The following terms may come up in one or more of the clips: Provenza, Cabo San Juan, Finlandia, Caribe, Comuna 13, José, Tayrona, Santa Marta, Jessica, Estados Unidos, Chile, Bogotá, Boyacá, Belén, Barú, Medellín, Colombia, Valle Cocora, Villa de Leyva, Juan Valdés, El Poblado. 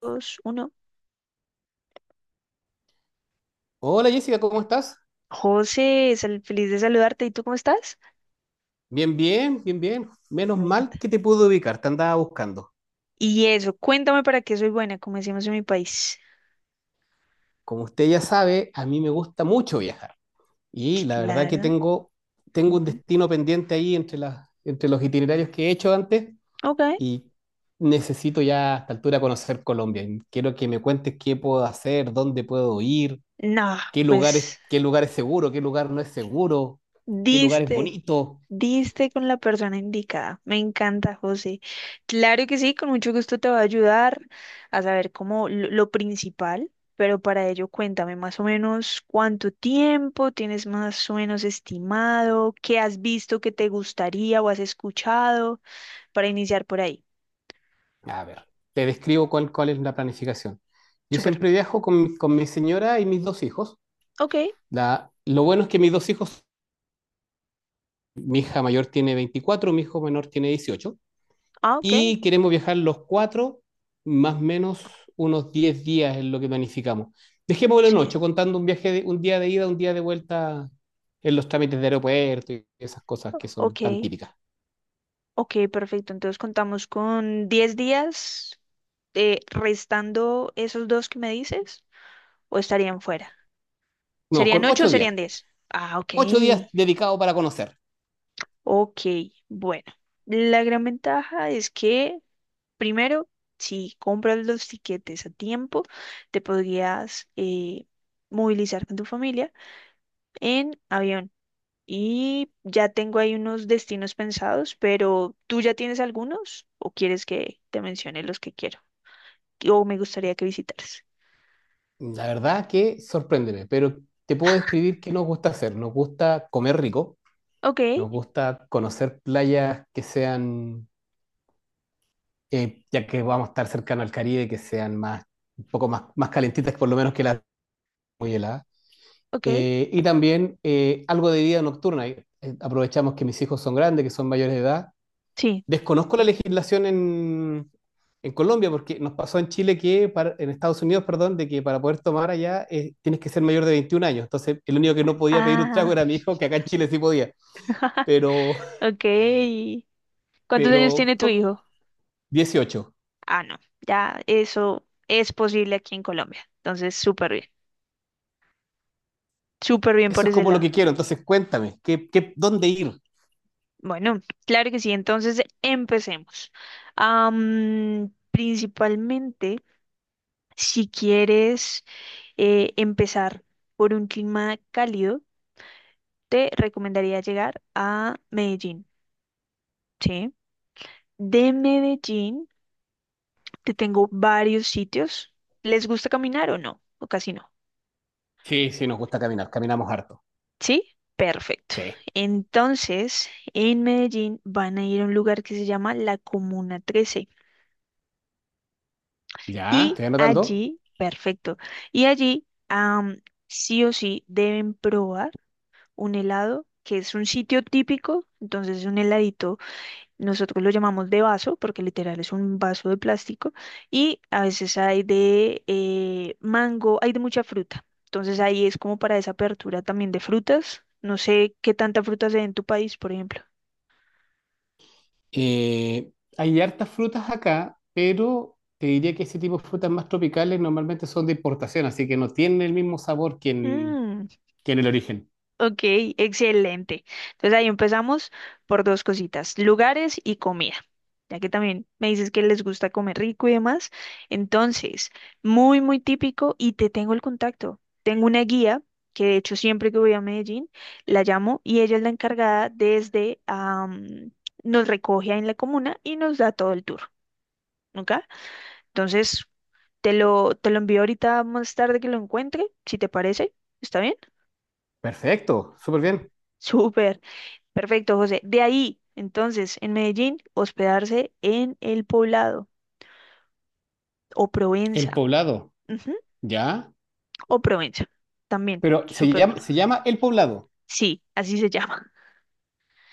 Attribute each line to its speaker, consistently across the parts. Speaker 1: Dos, uno.
Speaker 2: Hola Jessica, ¿cómo estás?
Speaker 1: José, es feliz de saludarte. ¿Y tú cómo estás?
Speaker 2: Bien, bien, bien, bien. Menos
Speaker 1: Me
Speaker 2: mal
Speaker 1: encanta.
Speaker 2: que te pude ubicar, te andaba buscando.
Speaker 1: Y eso, cuéntame para qué soy buena, como decimos en mi país.
Speaker 2: Como usted ya sabe, a mí me gusta mucho viajar. Y la verdad que
Speaker 1: Claro.
Speaker 2: tengo, tengo un
Speaker 1: Ujú.
Speaker 2: destino pendiente ahí entre los itinerarios que he hecho antes
Speaker 1: Ok.
Speaker 2: y necesito ya a esta altura conocer Colombia. Quiero que me cuentes qué puedo hacer, dónde puedo ir,
Speaker 1: No, pues
Speaker 2: qué lugar es seguro, qué lugar no es seguro, qué lugar es
Speaker 1: diste,
Speaker 2: bonito.
Speaker 1: diste con la persona indicada. Me encanta, José. Claro que sí, con mucho gusto te voy a ayudar a saber cómo lo principal, pero para ello cuéntame más o menos cuánto tiempo tienes más o menos estimado, qué has visto que te gustaría o has escuchado. Para iniciar por ahí.
Speaker 2: A ver, te describo cuál es la planificación. Yo
Speaker 1: Súper.
Speaker 2: siempre viajo con mi señora y mis dos hijos.
Speaker 1: Ok,
Speaker 2: Lo bueno es que mis dos hijos, mi hija mayor tiene 24, mi hijo menor tiene 18,
Speaker 1: ah, ok.
Speaker 2: y queremos viajar los cuatro, más o menos unos 10 días es lo que planificamos. Dejémoslo en 8
Speaker 1: Sí.
Speaker 2: contando un día de ida, un día de vuelta en los trámites de aeropuerto y esas cosas que son
Speaker 1: Ok,
Speaker 2: tan típicas.
Speaker 1: ok, perfecto. Entonces contamos con 10 días restando esos dos que me dices, o estarían fuera.
Speaker 2: No,
Speaker 1: ¿Serían
Speaker 2: con
Speaker 1: 8 o
Speaker 2: 8 días.
Speaker 1: serían 10? Ah, ok,
Speaker 2: Ocho días dedicados para conocer.
Speaker 1: ok. Bueno, la gran ventaja es que, primero, si compras los tiquetes a tiempo, te podrías movilizar con tu familia en avión. Y ya tengo ahí unos destinos pensados, pero ¿tú ya tienes algunos o quieres que te mencione los que quiero o me gustaría que visitaras?
Speaker 2: La verdad que sorpréndeme, pero te puedo describir qué nos gusta hacer. Nos gusta comer rico,
Speaker 1: Ok,
Speaker 2: nos gusta conocer playas que ya que vamos a estar cercano al Caribe, que sean un poco más, más calentitas, por lo menos que las muy heladas.
Speaker 1: ok,
Speaker 2: Y también algo de vida nocturna. Aprovechamos que mis hijos son grandes, que son mayores de edad.
Speaker 1: sí.
Speaker 2: Desconozco la legislación en Colombia, porque nos pasó en Chile que, en Estados Unidos, perdón, de que para poder tomar allá tienes que ser mayor de 21 años. Entonces, el único que no podía pedir un trago
Speaker 1: Ah,
Speaker 2: era mi hijo, que acá en Chile sí podía, pero,
Speaker 1: ok. ¿Cuántos años
Speaker 2: pero
Speaker 1: tiene tu
Speaker 2: co-
Speaker 1: hijo?
Speaker 2: 18.
Speaker 1: Ah, no, ya eso es posible aquí en Colombia. Entonces, súper bien por
Speaker 2: Eso es
Speaker 1: ese
Speaker 2: como lo
Speaker 1: lado.
Speaker 2: que quiero. Entonces, cuéntame, ¿ dónde ir?
Speaker 1: Bueno, claro que sí, entonces empecemos. Principalmente, si quieres... empezar por un clima cálido, te recomendaría llegar a Medellín, ¿sí? De Medellín te tengo varios sitios. ¿Les gusta caminar o no? ¿O casi no?
Speaker 2: Sí, sí, nos gusta caminar, caminamos harto.
Speaker 1: ¿Sí? Perfecto.
Speaker 2: Sí,
Speaker 1: Entonces, en Medellín van a ir a un lugar que se llama la Comuna 13
Speaker 2: ya,
Speaker 1: y
Speaker 2: estoy anotando.
Speaker 1: allí, perfecto, y allí sí o sí deben probar un helado que es un sitio típico, entonces un heladito. Nosotros lo llamamos de vaso porque literal es un vaso de plástico y a veces hay de mango, hay de mucha fruta. Entonces ahí es como para esa apertura también de frutas. No sé qué tanta fruta se ve en tu país, por ejemplo.
Speaker 2: Eh, hay hartas frutas acá, pero te diría que ese tipo de frutas más tropicales normalmente son de importación, así que no tienen el mismo sabor
Speaker 1: Mm,
Speaker 2: que en el origen.
Speaker 1: ok, excelente. Entonces ahí empezamos por dos cositas, lugares y comida, ya que también me dices que les gusta comer rico y demás. Entonces, muy, muy típico y te tengo el contacto. Tengo una guía que de hecho siempre que voy a Medellín la llamo y ella es la encargada desde, nos recoge ahí en la comuna y nos da todo el tour, ¿ok? Entonces, te lo envío ahorita más tarde que lo encuentre, si te parece. ¿Está bien?
Speaker 2: Perfecto, súper bien.
Speaker 1: Súper. Perfecto, José. De ahí, entonces, en Medellín, hospedarse en El Poblado o
Speaker 2: El
Speaker 1: Provenza.
Speaker 2: poblado,
Speaker 1: Ujú,
Speaker 2: ¿ya?
Speaker 1: o Provenza. También,
Speaker 2: Pero
Speaker 1: súper bueno.
Speaker 2: se llama el poblado.
Speaker 1: Sí, así se llama.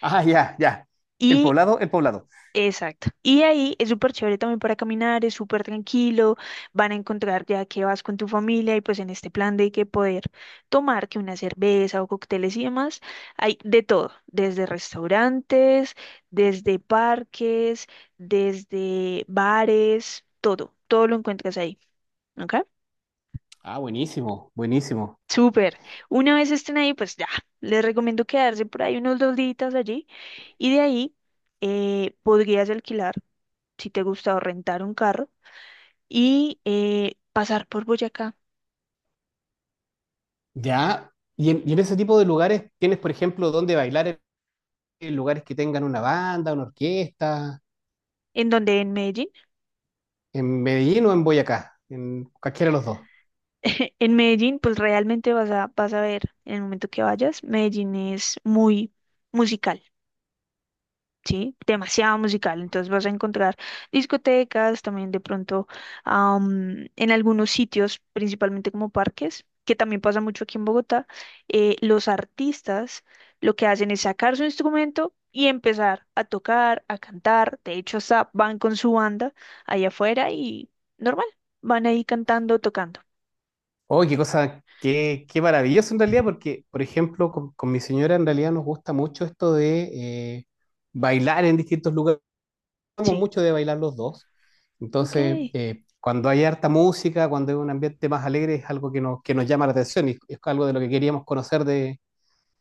Speaker 2: Ah, ya, ya.
Speaker 1: Y
Speaker 2: El poblado.
Speaker 1: exacto. Y ahí es súper chévere también para caminar, es súper tranquilo, van a encontrar ya que vas con tu familia y pues en este plan de que poder tomar que una cerveza o cócteles y demás, hay de todo, desde restaurantes, desde parques, desde bares, todo, todo lo encuentras ahí, ¿ok?
Speaker 2: Ah, buenísimo, buenísimo.
Speaker 1: Súper. Una vez estén ahí, pues ya, les recomiendo quedarse por ahí unos dos días allí y de ahí podrías alquilar, si te gusta, o rentar un carro y pasar por Boyacá,
Speaker 2: Ya. En ese tipo de lugares tienes, por ejemplo, donde bailar en lugares que tengan una banda, una orquesta,
Speaker 1: en donde en Medellín,
Speaker 2: en Medellín o en Boyacá, en cualquiera de los dos.
Speaker 1: en Medellín pues realmente vas vas a ver en el momento que vayas, Medellín es muy musical. ¿Sí? Demasiado musical. Entonces vas a encontrar discotecas, también de pronto en algunos sitios, principalmente como parques, que también pasa mucho aquí en Bogotá, los artistas lo que hacen es sacar su instrumento y empezar a tocar, a cantar. De hecho, hasta van con su banda allá afuera y normal, van ahí cantando, tocando.
Speaker 2: Oh, qué cosa, qué maravilloso en realidad, porque, por ejemplo, con mi señora en realidad nos gusta mucho esto de bailar en distintos lugares. Somos
Speaker 1: Sí,
Speaker 2: mucho de bailar los dos.
Speaker 1: ok.
Speaker 2: Entonces, cuando hay harta música, cuando hay un ambiente más alegre, es algo que nos llama la atención y es algo de lo que queríamos conocer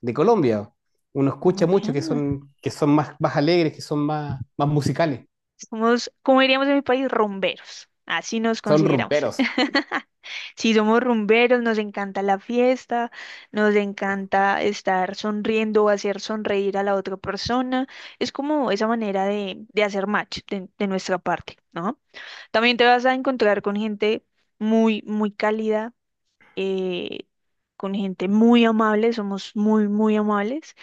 Speaker 2: de Colombia. Uno escucha
Speaker 1: Ok,
Speaker 2: mucho que son más alegres, que son más musicales,
Speaker 1: somos, como diríamos en mi país, rumberos. Así nos
Speaker 2: son
Speaker 1: consideramos.
Speaker 2: rumberos.
Speaker 1: Si somos rumberos, nos encanta la fiesta, nos encanta estar sonriendo o hacer sonreír a la otra persona. Es como esa manera de hacer match de nuestra parte, ¿no? También te vas a encontrar con gente muy, muy cálida, eh, con gente muy amable, somos muy, muy amables.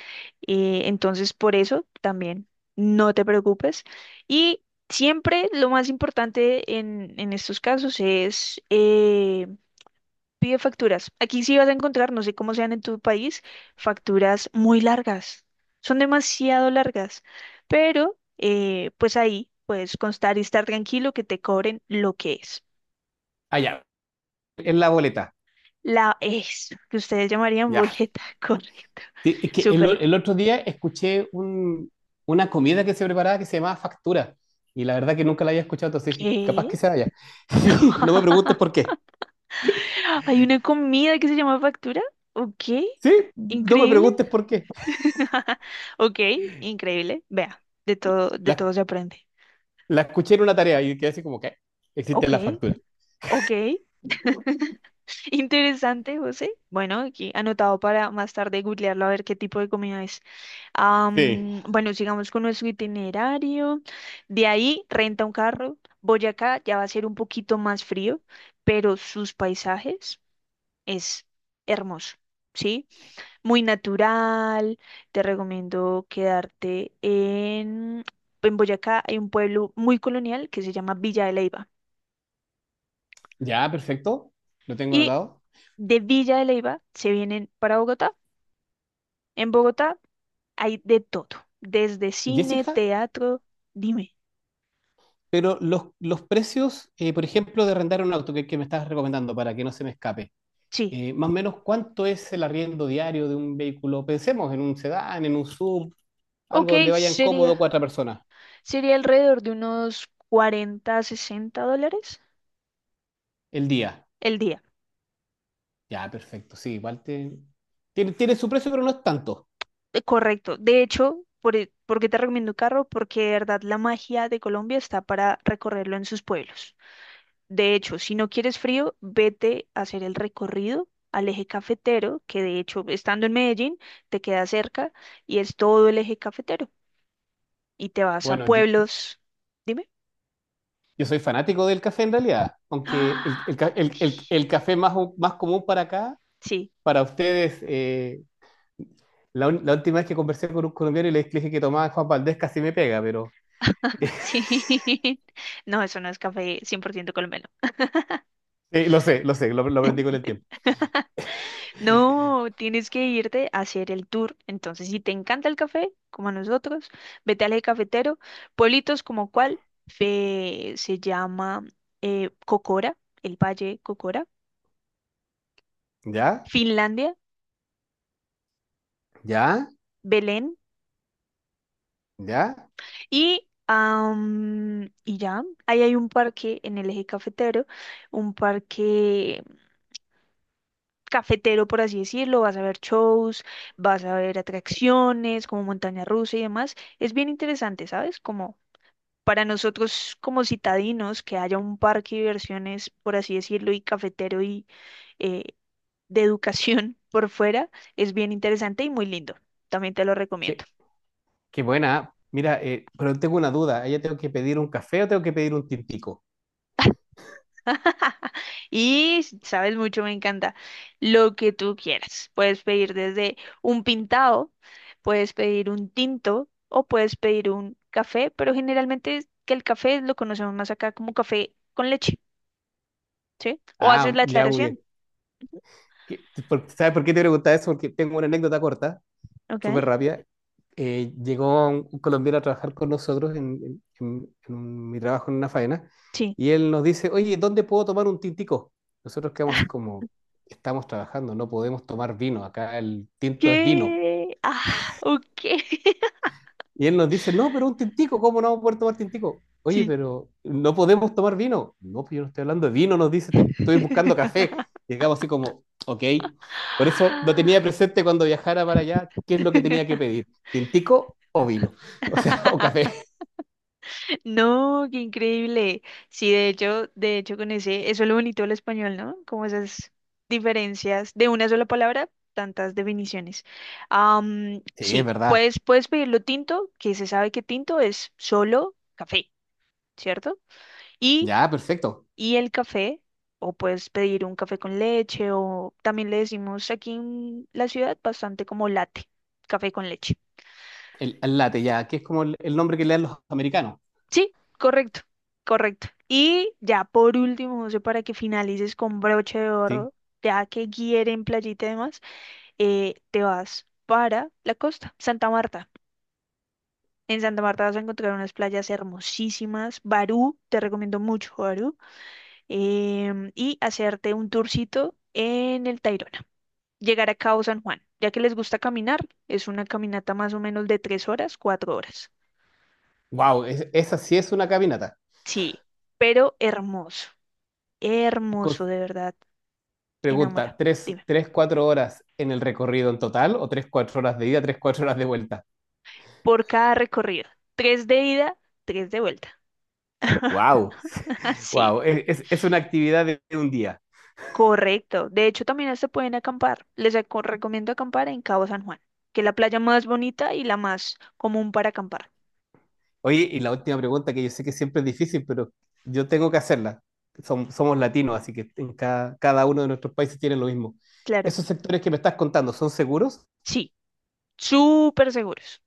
Speaker 1: Entonces, por eso también no te preocupes. Y siempre lo más importante en estos casos es... pide facturas. Aquí sí vas a encontrar, no sé cómo sean en tu país, facturas muy largas. Son demasiado largas. Pero, pues ahí puedes constar y estar tranquilo que te cobren lo que es.
Speaker 2: Ah, ya, en la boleta.
Speaker 1: La es, que ustedes llamarían
Speaker 2: Ya.
Speaker 1: boleta, correcto.
Speaker 2: Sí, es que
Speaker 1: Súper.
Speaker 2: el otro día escuché una comida que se preparaba que se llamaba factura. Y la verdad que nunca la había escuchado, entonces dije, capaz
Speaker 1: ¿Qué?
Speaker 2: que sea allá. Sí, no me preguntes por qué.
Speaker 1: ¿Hay una comida que se llama factura? Ok.
Speaker 2: Sí, no me
Speaker 1: Increíble.
Speaker 2: preguntes por qué.
Speaker 1: Ok, increíble. Vea, de
Speaker 2: La,
Speaker 1: todo se aprende.
Speaker 2: la escuché en una tarea y quedé así como que existe la
Speaker 1: Ok,
Speaker 2: factura.
Speaker 1: ok. Interesante, José. Bueno, aquí anotado para más tarde googlearlo a ver qué tipo de comida es.
Speaker 2: Sí.
Speaker 1: Bueno, sigamos con nuestro itinerario. De ahí renta un carro. Boyacá ya va a ser un poquito más frío, pero sus paisajes es hermoso, ¿sí? Muy natural. Te recomiendo quedarte en Boyacá. Hay un pueblo muy colonial que se llama Villa de Leyva.
Speaker 2: Ya, perfecto. Lo tengo
Speaker 1: Y
Speaker 2: anotado.
Speaker 1: de Villa de Leyva se vienen para Bogotá. En Bogotá hay de todo, desde cine,
Speaker 2: Jessica,
Speaker 1: teatro, dime.
Speaker 2: pero los precios, por ejemplo, de rentar un auto que me estás recomendando para que no se me escape.
Speaker 1: Sí,
Speaker 2: Eh, más o menos cuánto es el arriendo diario de un vehículo. Pensemos en un sedán, en un sub, algo donde
Speaker 1: ok,
Speaker 2: vayan cómodo cuatro personas
Speaker 1: sería alrededor de unos 40, 60 dólares
Speaker 2: el día.
Speaker 1: el día.
Speaker 2: Ya, perfecto, sí, tiene, tiene su precio, pero no es tanto.
Speaker 1: Correcto. De hecho, por, e- ¿por qué te recomiendo carro? Porque de verdad la magia de Colombia está para recorrerlo en sus pueblos. De hecho, si no quieres frío, vete a hacer el recorrido al eje cafetero, que de hecho, estando en Medellín, te queda cerca y es todo el eje cafetero. Y te vas a
Speaker 2: Bueno,
Speaker 1: pueblos. Dime.
Speaker 2: yo soy fanático del café en realidad, aunque el
Speaker 1: Ah,
Speaker 2: ca-
Speaker 1: aquí.
Speaker 2: el café más común para acá,
Speaker 1: Sí,
Speaker 2: para ustedes, la última vez que conversé con un colombiano y le dije que tomaba Juan Valdés casi me pega, pero...
Speaker 1: sí. No, eso no es café 100% colombiano.
Speaker 2: Sí, lo sé, lo sé, lo aprendí con el tiempo.
Speaker 1: No, tienes que irte a hacer el tour. Entonces, si te encanta el café, como a nosotros, vete al eje cafetero. Pueblitos como cuál, Fe- se llama Cocora, el Valle Cocora,
Speaker 2: ¿Ya?
Speaker 1: Finlandia,
Speaker 2: ¿Ya?
Speaker 1: Belén
Speaker 2: ¿Ya?
Speaker 1: y... y ya, ahí hay un parque en el eje cafetero, un parque cafetero, por así decirlo, vas a ver shows, vas a ver atracciones como montaña rusa y demás. Es bien interesante, ¿sabes? Como para nosotros como citadinos, que haya un parque de diversiones, por así decirlo, y cafetero y eh, de educación por fuera, es bien interesante y muy lindo. También te lo recomiendo.
Speaker 2: ¿Qué, ¿Qué buena? Mira, pero tengo una duda. ¿Ella tengo que pedir un café o tengo que pedir un tintico?
Speaker 1: Y sabes mucho, me encanta. Lo que tú quieras. Puedes pedir desde un pintado, puedes pedir un tinto o puedes pedir un café, pero generalmente es que el café lo conocemos más acá como café con leche, ¿sí? O haces
Speaker 2: Ah,
Speaker 1: la
Speaker 2: ya muy
Speaker 1: aclaración,
Speaker 2: bien. ¿Sabes por qué te preguntaba eso? Porque tengo una anécdota corta,
Speaker 1: ¿ok?
Speaker 2: súper rápida. Llegó un colombiano a trabajar con nosotros en mi trabajo en una faena
Speaker 1: Sí.
Speaker 2: y él nos dice, oye, ¿dónde puedo tomar un tintico? Nosotros quedamos así como, estamos trabajando, no podemos tomar vino, acá el tinto es vino.
Speaker 1: ¿Qué? Ah, ok.
Speaker 2: Y él nos dice, no, pero un tintico, ¿cómo no vamos a poder tomar tintico? Oye,
Speaker 1: Sí.
Speaker 2: pero no podemos tomar vino. No, pero yo no estoy hablando de vino, nos dice, estoy buscando café. Y acabo así como, ok. Por eso lo tenía presente cuando viajara para allá, qué es lo que tenía que pedir, tintico o vino, o sea, o café.
Speaker 1: No, qué increíble. Sí, de hecho con ese, eso es lo bonito del español, ¿no? Como esas diferencias de una sola palabra, tantas definiciones.
Speaker 2: Sí, es
Speaker 1: Sí,
Speaker 2: verdad.
Speaker 1: puedes pedirlo tinto, que se sabe que tinto es solo café, ¿cierto? Y,
Speaker 2: Ya, perfecto.
Speaker 1: y el café, o puedes pedir un café con leche, o también le decimos aquí en la ciudad bastante como latte, café con leche.
Speaker 2: El latte, ya, que es como el nombre que le dan los americanos.
Speaker 1: Sí, correcto, correcto. Y ya por último, José, para que finalices con broche de
Speaker 2: Sí.
Speaker 1: oro, ya que quieren playita y demás, te vas para la costa, Santa Marta. En Santa Marta vas a encontrar unas playas hermosísimas. Barú, te recomiendo mucho Barú. Y hacerte un tourcito en el Tayrona. Llegar a Cabo San Juan, ya que les gusta caminar, es una caminata más o menos de 3 horas, 4 horas.
Speaker 2: Wow, esa sí es una caminata.
Speaker 1: Sí, pero hermoso,
Speaker 2: Con-
Speaker 1: hermoso de verdad.
Speaker 2: Pregunta,
Speaker 1: Enamora.
Speaker 2: ¿tres,
Speaker 1: Dime.
Speaker 2: tres, cuatro horas en el recorrido en total o tres, cuatro horas de ida, tres, cuatro horas de vuelta?
Speaker 1: Por cada recorrido. Tres de ida, tres de vuelta.
Speaker 2: Wow.
Speaker 1: Así.
Speaker 2: Wow, es una actividad de un día.
Speaker 1: Correcto. De hecho, también se pueden acampar. Les aco- recomiendo acampar en Cabo San Juan, que es la playa más bonita y la más común para acampar.
Speaker 2: Oye, y la última pregunta que yo sé que siempre es difícil, pero yo tengo que hacerla. Somos latinos, así que en cada uno de nuestros países tiene lo mismo.
Speaker 1: Claro.
Speaker 2: ¿Esos sectores que me estás contando son seguros?
Speaker 1: Sí. Súper seguros.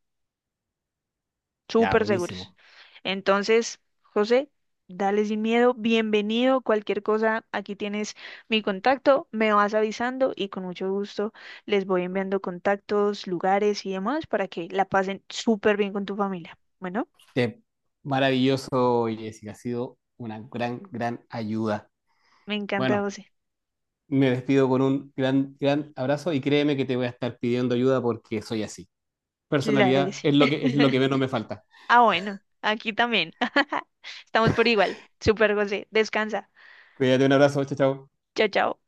Speaker 2: Ya,
Speaker 1: Súper seguros.
Speaker 2: buenísimo.
Speaker 1: Entonces, José, dale sin miedo, bienvenido, cualquier cosa, aquí tienes mi contacto, me vas avisando y con mucho gusto les voy enviando contactos, lugares y demás para que la pasen súper bien con tu familia. Bueno,
Speaker 2: Te- Maravilloso, Jessica. Ha sido una gran ayuda.
Speaker 1: me encanta,
Speaker 2: Bueno,
Speaker 1: José.
Speaker 2: me despido con un gran abrazo y créeme que te voy a estar pidiendo ayuda porque soy así.
Speaker 1: Claro que
Speaker 2: Personalidad
Speaker 1: sí.
Speaker 2: es lo es lo que menos me falta.
Speaker 1: Ah, bueno, aquí también. Estamos por igual. Súper, José. Descansa.
Speaker 2: Cuídate, un abrazo, chao, chao.
Speaker 1: Chao, chao.